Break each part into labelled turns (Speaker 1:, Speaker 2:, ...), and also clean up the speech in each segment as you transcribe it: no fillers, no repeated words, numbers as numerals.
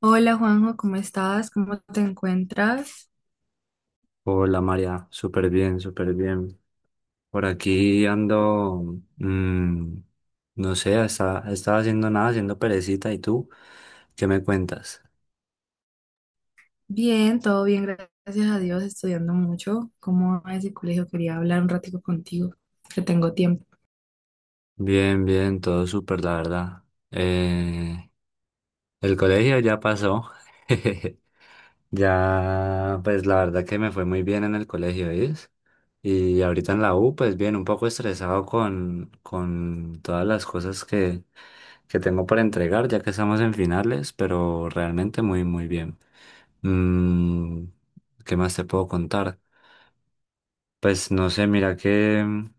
Speaker 1: Hola Juanjo, ¿cómo estás? ¿Cómo te encuentras?
Speaker 2: Hola María, súper bien, súper bien. Por aquí ando, no sé, estaba haciendo nada, haciendo perecita. ¿Y tú? ¿Qué me cuentas?
Speaker 1: Bien, todo bien, gracias a Dios, estudiando mucho. ¿Cómo va ese colegio? Quería hablar un ratico contigo, que tengo tiempo.
Speaker 2: Bien, bien, todo súper, la verdad. Eh, el colegio ya pasó. Ya, pues la verdad que me fue muy bien en el colegio, ¿sí? Y ahorita en la U, pues bien, un poco estresado con todas las cosas que tengo para entregar, ya que estamos en finales, pero realmente muy, muy bien. Mm, ¿Qué más te puedo contar? Pues no sé, mira que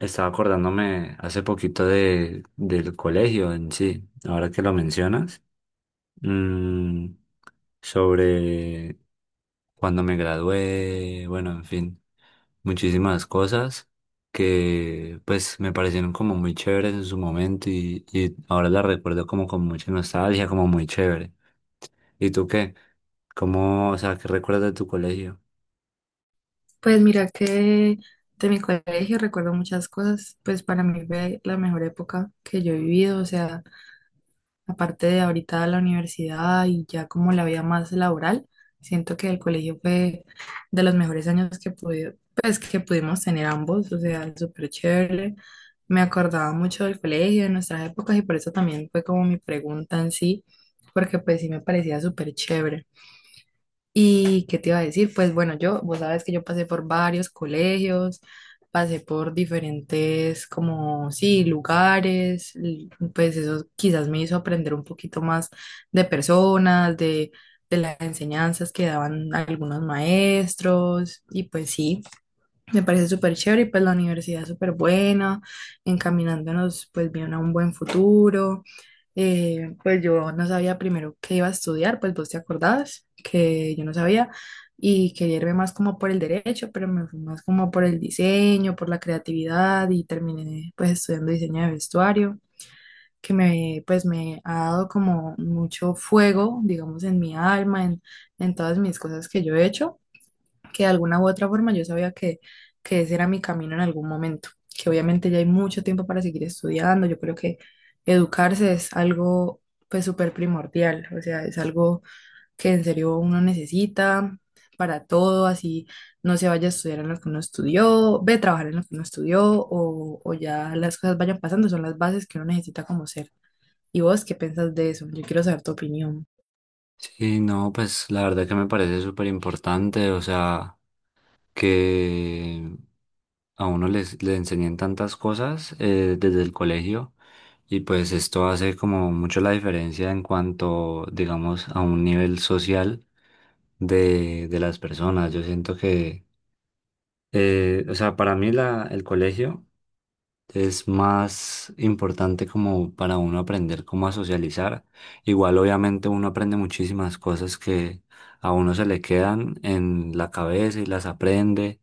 Speaker 2: estaba acordándome hace poquito del colegio en sí, ahora que lo mencionas. Mm, sobre cuando me gradué, bueno, en fin, muchísimas cosas que pues me parecieron como muy chéveres en su momento y ahora las recuerdo como con mucha nostalgia, como muy chévere. ¿Y tú qué? ¿Cómo, o sea, qué recuerdas de tu colegio?
Speaker 1: Pues mira que de mi colegio recuerdo muchas cosas. Pues para mí fue la mejor época que yo he vivido, o sea, aparte de ahorita la universidad y ya como la vida más laboral, siento que el colegio fue de los mejores años que pude, pues, que pudimos tener ambos, o sea, súper chévere. Me acordaba mucho del colegio, de nuestras épocas, y por eso también fue como mi pregunta en sí, porque pues sí me parecía súper chévere. ¿Y qué te iba a decir? Pues bueno, yo, vos sabes que yo pasé por varios colegios, pasé por diferentes como, sí, lugares, pues eso quizás me hizo aprender un poquito más de personas, de las enseñanzas que daban algunos maestros, y pues sí. Me parece súper chévere, y pues la universidad es súper buena, encaminándonos pues bien a un buen futuro. Pues yo no sabía primero qué iba a estudiar, pues vos te acordabas que yo no sabía y quería irme más como por el derecho, pero me fui más como por el diseño, por la creatividad, y terminé pues estudiando diseño de vestuario, que me, pues me ha dado como mucho fuego, digamos, en mi alma, en todas mis cosas que yo he hecho, que de alguna u otra forma yo sabía que ese era mi camino en algún momento, que obviamente ya hay mucho tiempo para seguir estudiando. Yo creo que educarse es algo pues súper primordial, o sea, es algo que en serio uno necesita para todo, así no se vaya a estudiar en lo que uno estudió, ve a trabajar en lo que uno estudió, o ya las cosas vayan pasando, son las bases que uno necesita como ser. ¿Y vos qué piensas de eso? Yo quiero saber tu opinión.
Speaker 2: Sí, no, pues la verdad que me parece súper importante, o sea, que a uno le enseñen tantas cosas desde el colegio y pues esto hace como mucho la diferencia en cuanto, digamos, a un nivel social de las personas. Yo siento que, o sea, para mí el colegio es más importante como para uno aprender cómo a socializar. Igual obviamente uno aprende muchísimas cosas que a uno se le quedan en la cabeza y las aprende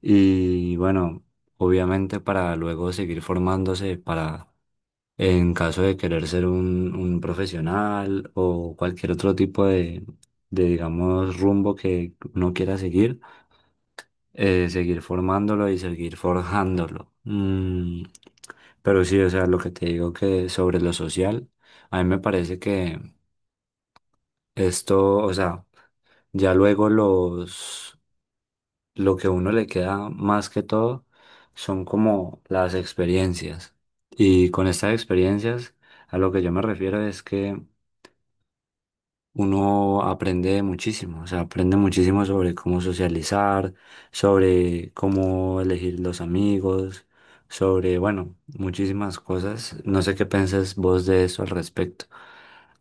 Speaker 2: y bueno, obviamente para luego seguir formándose para, en caso de querer ser un profesional o cualquier otro tipo digamos, rumbo que uno quiera seguir, seguir formándolo y seguir forjándolo. Pero sí, o sea, lo que te digo que sobre lo social, a mí me parece que esto, o sea, ya luego los lo que a uno le queda más que todo son como las experiencias. Y con estas experiencias, a lo que yo me refiero es que uno aprende muchísimo, o sea, aprende muchísimo sobre cómo socializar, sobre cómo elegir los amigos, sobre, bueno, muchísimas cosas. No sé qué piensas vos de eso al respecto.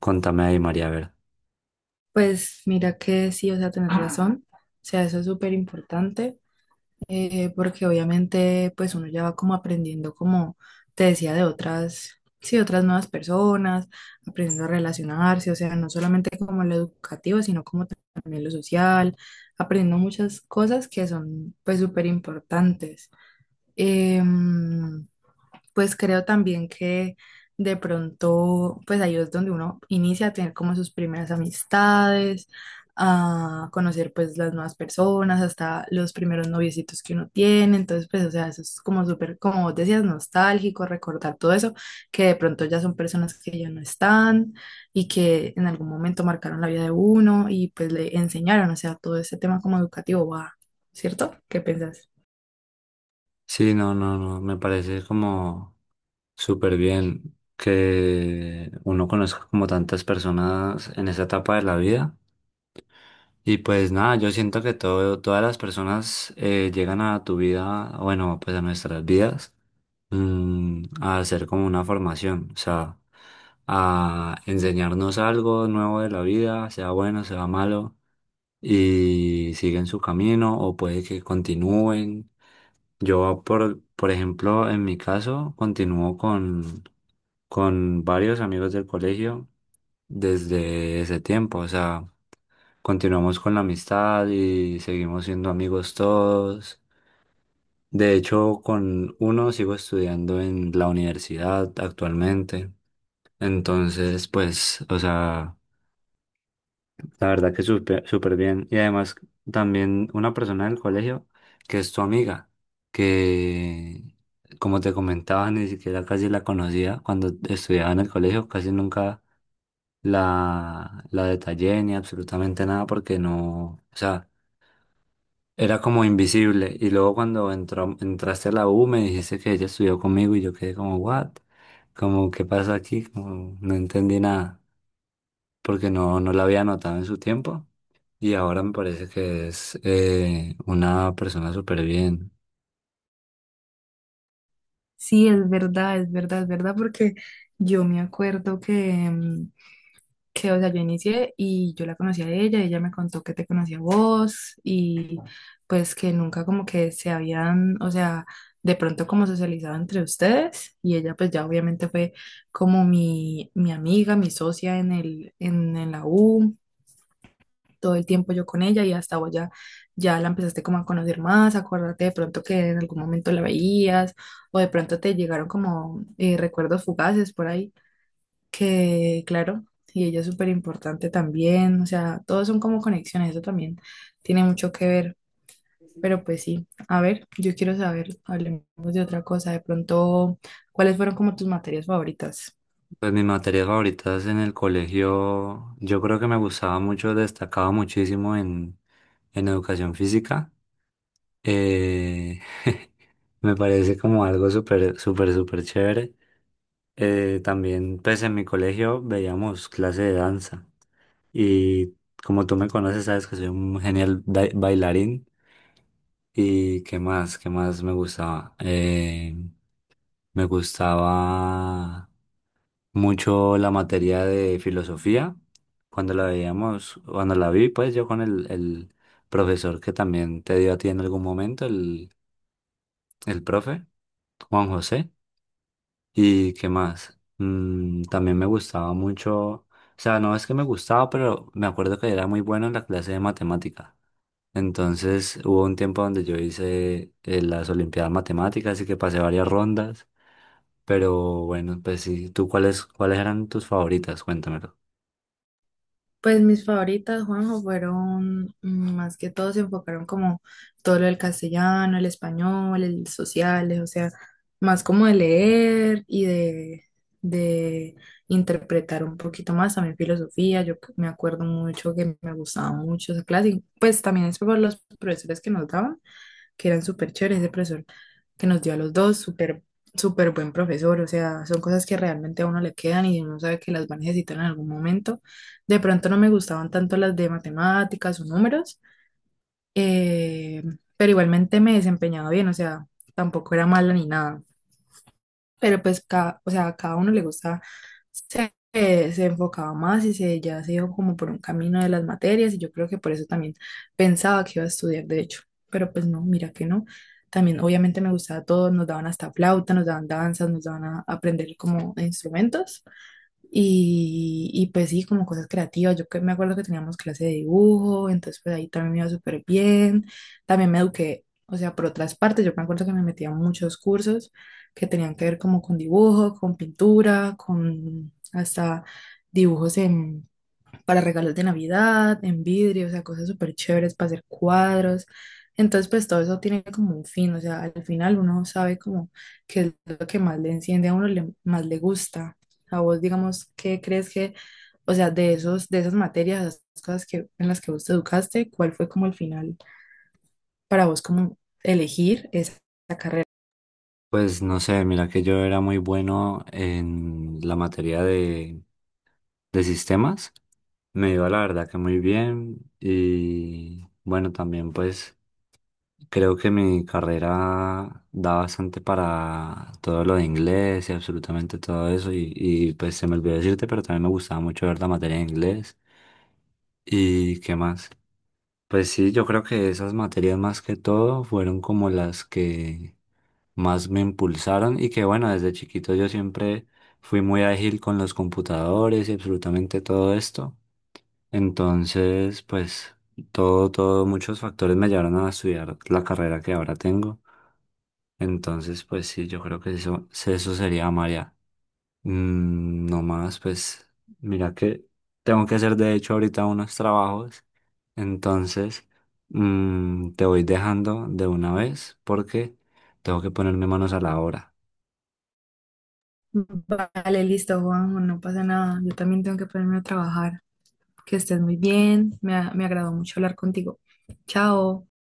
Speaker 2: Contame ahí, María, a ver.
Speaker 1: Pues mira que sí, o sea, tenés razón, o sea, eso es súper importante, porque obviamente pues uno ya va como aprendiendo, como te decía, de otras, sí, otras nuevas personas, aprendiendo a relacionarse, o sea, no solamente como lo educativo, sino como también lo social, aprendiendo muchas cosas que son pues súper importantes. Pues creo también que de pronto, pues ahí es donde uno inicia a tener como sus primeras amistades, a conocer pues las nuevas personas, hasta los primeros noviecitos que uno tiene. Entonces, pues, o sea, eso es como súper, como vos decías, nostálgico, recordar todo eso, que de pronto ya son personas que ya no están y que en algún momento marcaron la vida de uno y pues le enseñaron, o sea, todo ese tema como educativo va, ¿cierto? ¿Qué piensas?
Speaker 2: Sí, no, no, no, me parece como súper bien que uno conozca como tantas personas en esa etapa de la vida. Y pues nada, yo siento que todo, todas las personas llegan a tu vida, bueno, pues a nuestras vidas, a hacer como una formación, o sea, a enseñarnos algo nuevo de la vida, sea bueno, sea malo, y siguen su camino o puede que continúen. Yo, por ejemplo, en mi caso, continúo con varios amigos del colegio desde ese tiempo. O sea, continuamos con la amistad y seguimos siendo amigos todos. De hecho, con uno sigo estudiando en la universidad actualmente. Entonces, pues, o sea, la verdad que súper súper bien. Y además también una persona del colegio que es tu amiga, que como te comentaba, ni siquiera casi la conocía cuando estudiaba en el colegio, casi nunca la detallé ni absolutamente nada porque no, o sea, era como invisible. Y luego cuando entraste a la U me dijiste que ella estudió conmigo y yo quedé como, ¿what? Como, ¿qué pasa aquí? Como, no entendí nada porque no, no la había notado en su tiempo. Y ahora me parece que es una persona súper bien.
Speaker 1: Sí, es verdad, es verdad, es verdad, porque yo me acuerdo que, que, o sea, yo inicié y yo la conocí a ella, ella me contó que te conocía a vos, y pues que nunca como que se habían, o sea, de pronto como socializado entre ustedes, y ella pues ya obviamente fue como mi amiga, mi socia en el, en la U, todo el tiempo yo con ella, y hasta vos ya, ya la empezaste como a conocer más. Acuérdate de pronto que en algún momento la veías o de pronto te llegaron como recuerdos fugaces por ahí, que claro, y ella es súper importante también, o sea, todos son como conexiones, eso también tiene mucho que ver. Pero pues sí, a ver, yo quiero saber, hablemos de otra cosa, de pronto, ¿cuáles fueron como tus materias favoritas?
Speaker 2: Pues mis materias favoritas en el colegio, yo creo que me gustaba mucho, destacaba muchísimo en educación física. Eh, me parece como algo súper, súper, súper chévere. También, pues en mi colegio veíamos clase de danza. Y como tú me conoces, sabes que soy un genial bailarín. ¿Y qué más? ¿Qué más me gustaba? Me gustaba mucho la materia de filosofía. Cuando la veíamos, cuando la vi, pues yo con el profesor que también te dio a ti en algún momento, el profe, Juan José. ¿Y qué más? También me gustaba mucho, o sea, no es que me gustaba, pero me acuerdo que era muy bueno en la clase de matemática. Entonces hubo un tiempo donde yo hice las Olimpiadas Matemáticas y que pasé varias rondas. Pero bueno, pues sí, ¿tú cuáles eran tus favoritas? Cuéntamelo.
Speaker 1: Pues mis favoritas, Juanjo, fueron, más que todo se enfocaron como todo lo del castellano, el español, el sociales, o sea, más como de leer y de interpretar un poquito más, también filosofía. Yo me acuerdo mucho que me gustaba mucho esa clase, y pues también es por los profesores que nos daban, que eran súper chéveres, ese profesor que nos dio a los dos, súper, súper buen profesor, o sea, son cosas que realmente a uno le quedan y uno sabe que las va a necesitar en algún momento. De pronto no me gustaban tanto las de matemáticas o números, eh, pero igualmente me desempeñaba bien, o sea, tampoco era mala ni nada. Pero pues, cada, o sea, a cada uno le gusta, se, se enfocaba más, y se, ya se iba como por un camino de las materias, y yo creo que por eso también pensaba que iba a estudiar derecho, pero pues no, mira que no. También obviamente me gustaba todo, nos daban hasta flauta, nos daban danzas, nos daban a aprender como instrumentos. Y pues sí, como cosas creativas. Yo que me acuerdo que teníamos clase de dibujo, entonces pues ahí también me iba súper bien. También me eduqué, o sea, por otras partes. Yo me acuerdo que me metía a muchos cursos que tenían que ver como con dibujo, con pintura, con hasta dibujos en, para regalos de Navidad, en vidrio, o sea, cosas súper chéveres para hacer cuadros. Entonces, pues todo eso tiene como un fin, o sea, al final uno sabe como qué es lo que más le enciende a uno, le, más le gusta. A vos, digamos, ¿qué crees que, o sea, de esos, de esas materias, esas cosas que, en las que vos te educaste, cuál fue como el final para vos como elegir esa?
Speaker 2: Pues no sé, mira que yo era muy bueno en la materia de sistemas. Me iba la verdad que muy bien y bueno, también pues creo que mi carrera da bastante para todo lo de inglés y absolutamente todo eso y pues se me olvidó decirte, pero también me gustaba mucho ver la materia de inglés. ¿Y qué más? Pues sí, yo creo que esas materias más que todo fueron como las que más me impulsaron y que bueno, desde chiquito yo siempre fui muy ágil con los computadores y absolutamente todo esto. Entonces, pues muchos factores me llevaron a estudiar la carrera que ahora tengo. Entonces, pues sí, yo creo que eso sería María. No más, pues mira que tengo que hacer de hecho ahorita unos trabajos. Entonces, te voy dejando de una vez porque tengo que ponerme manos a la obra.
Speaker 1: Vale, listo, Juanjo, no pasa nada. Yo también tengo que ponerme a trabajar. Que estés muy bien. Me, me agradó mucho hablar contigo. Chao.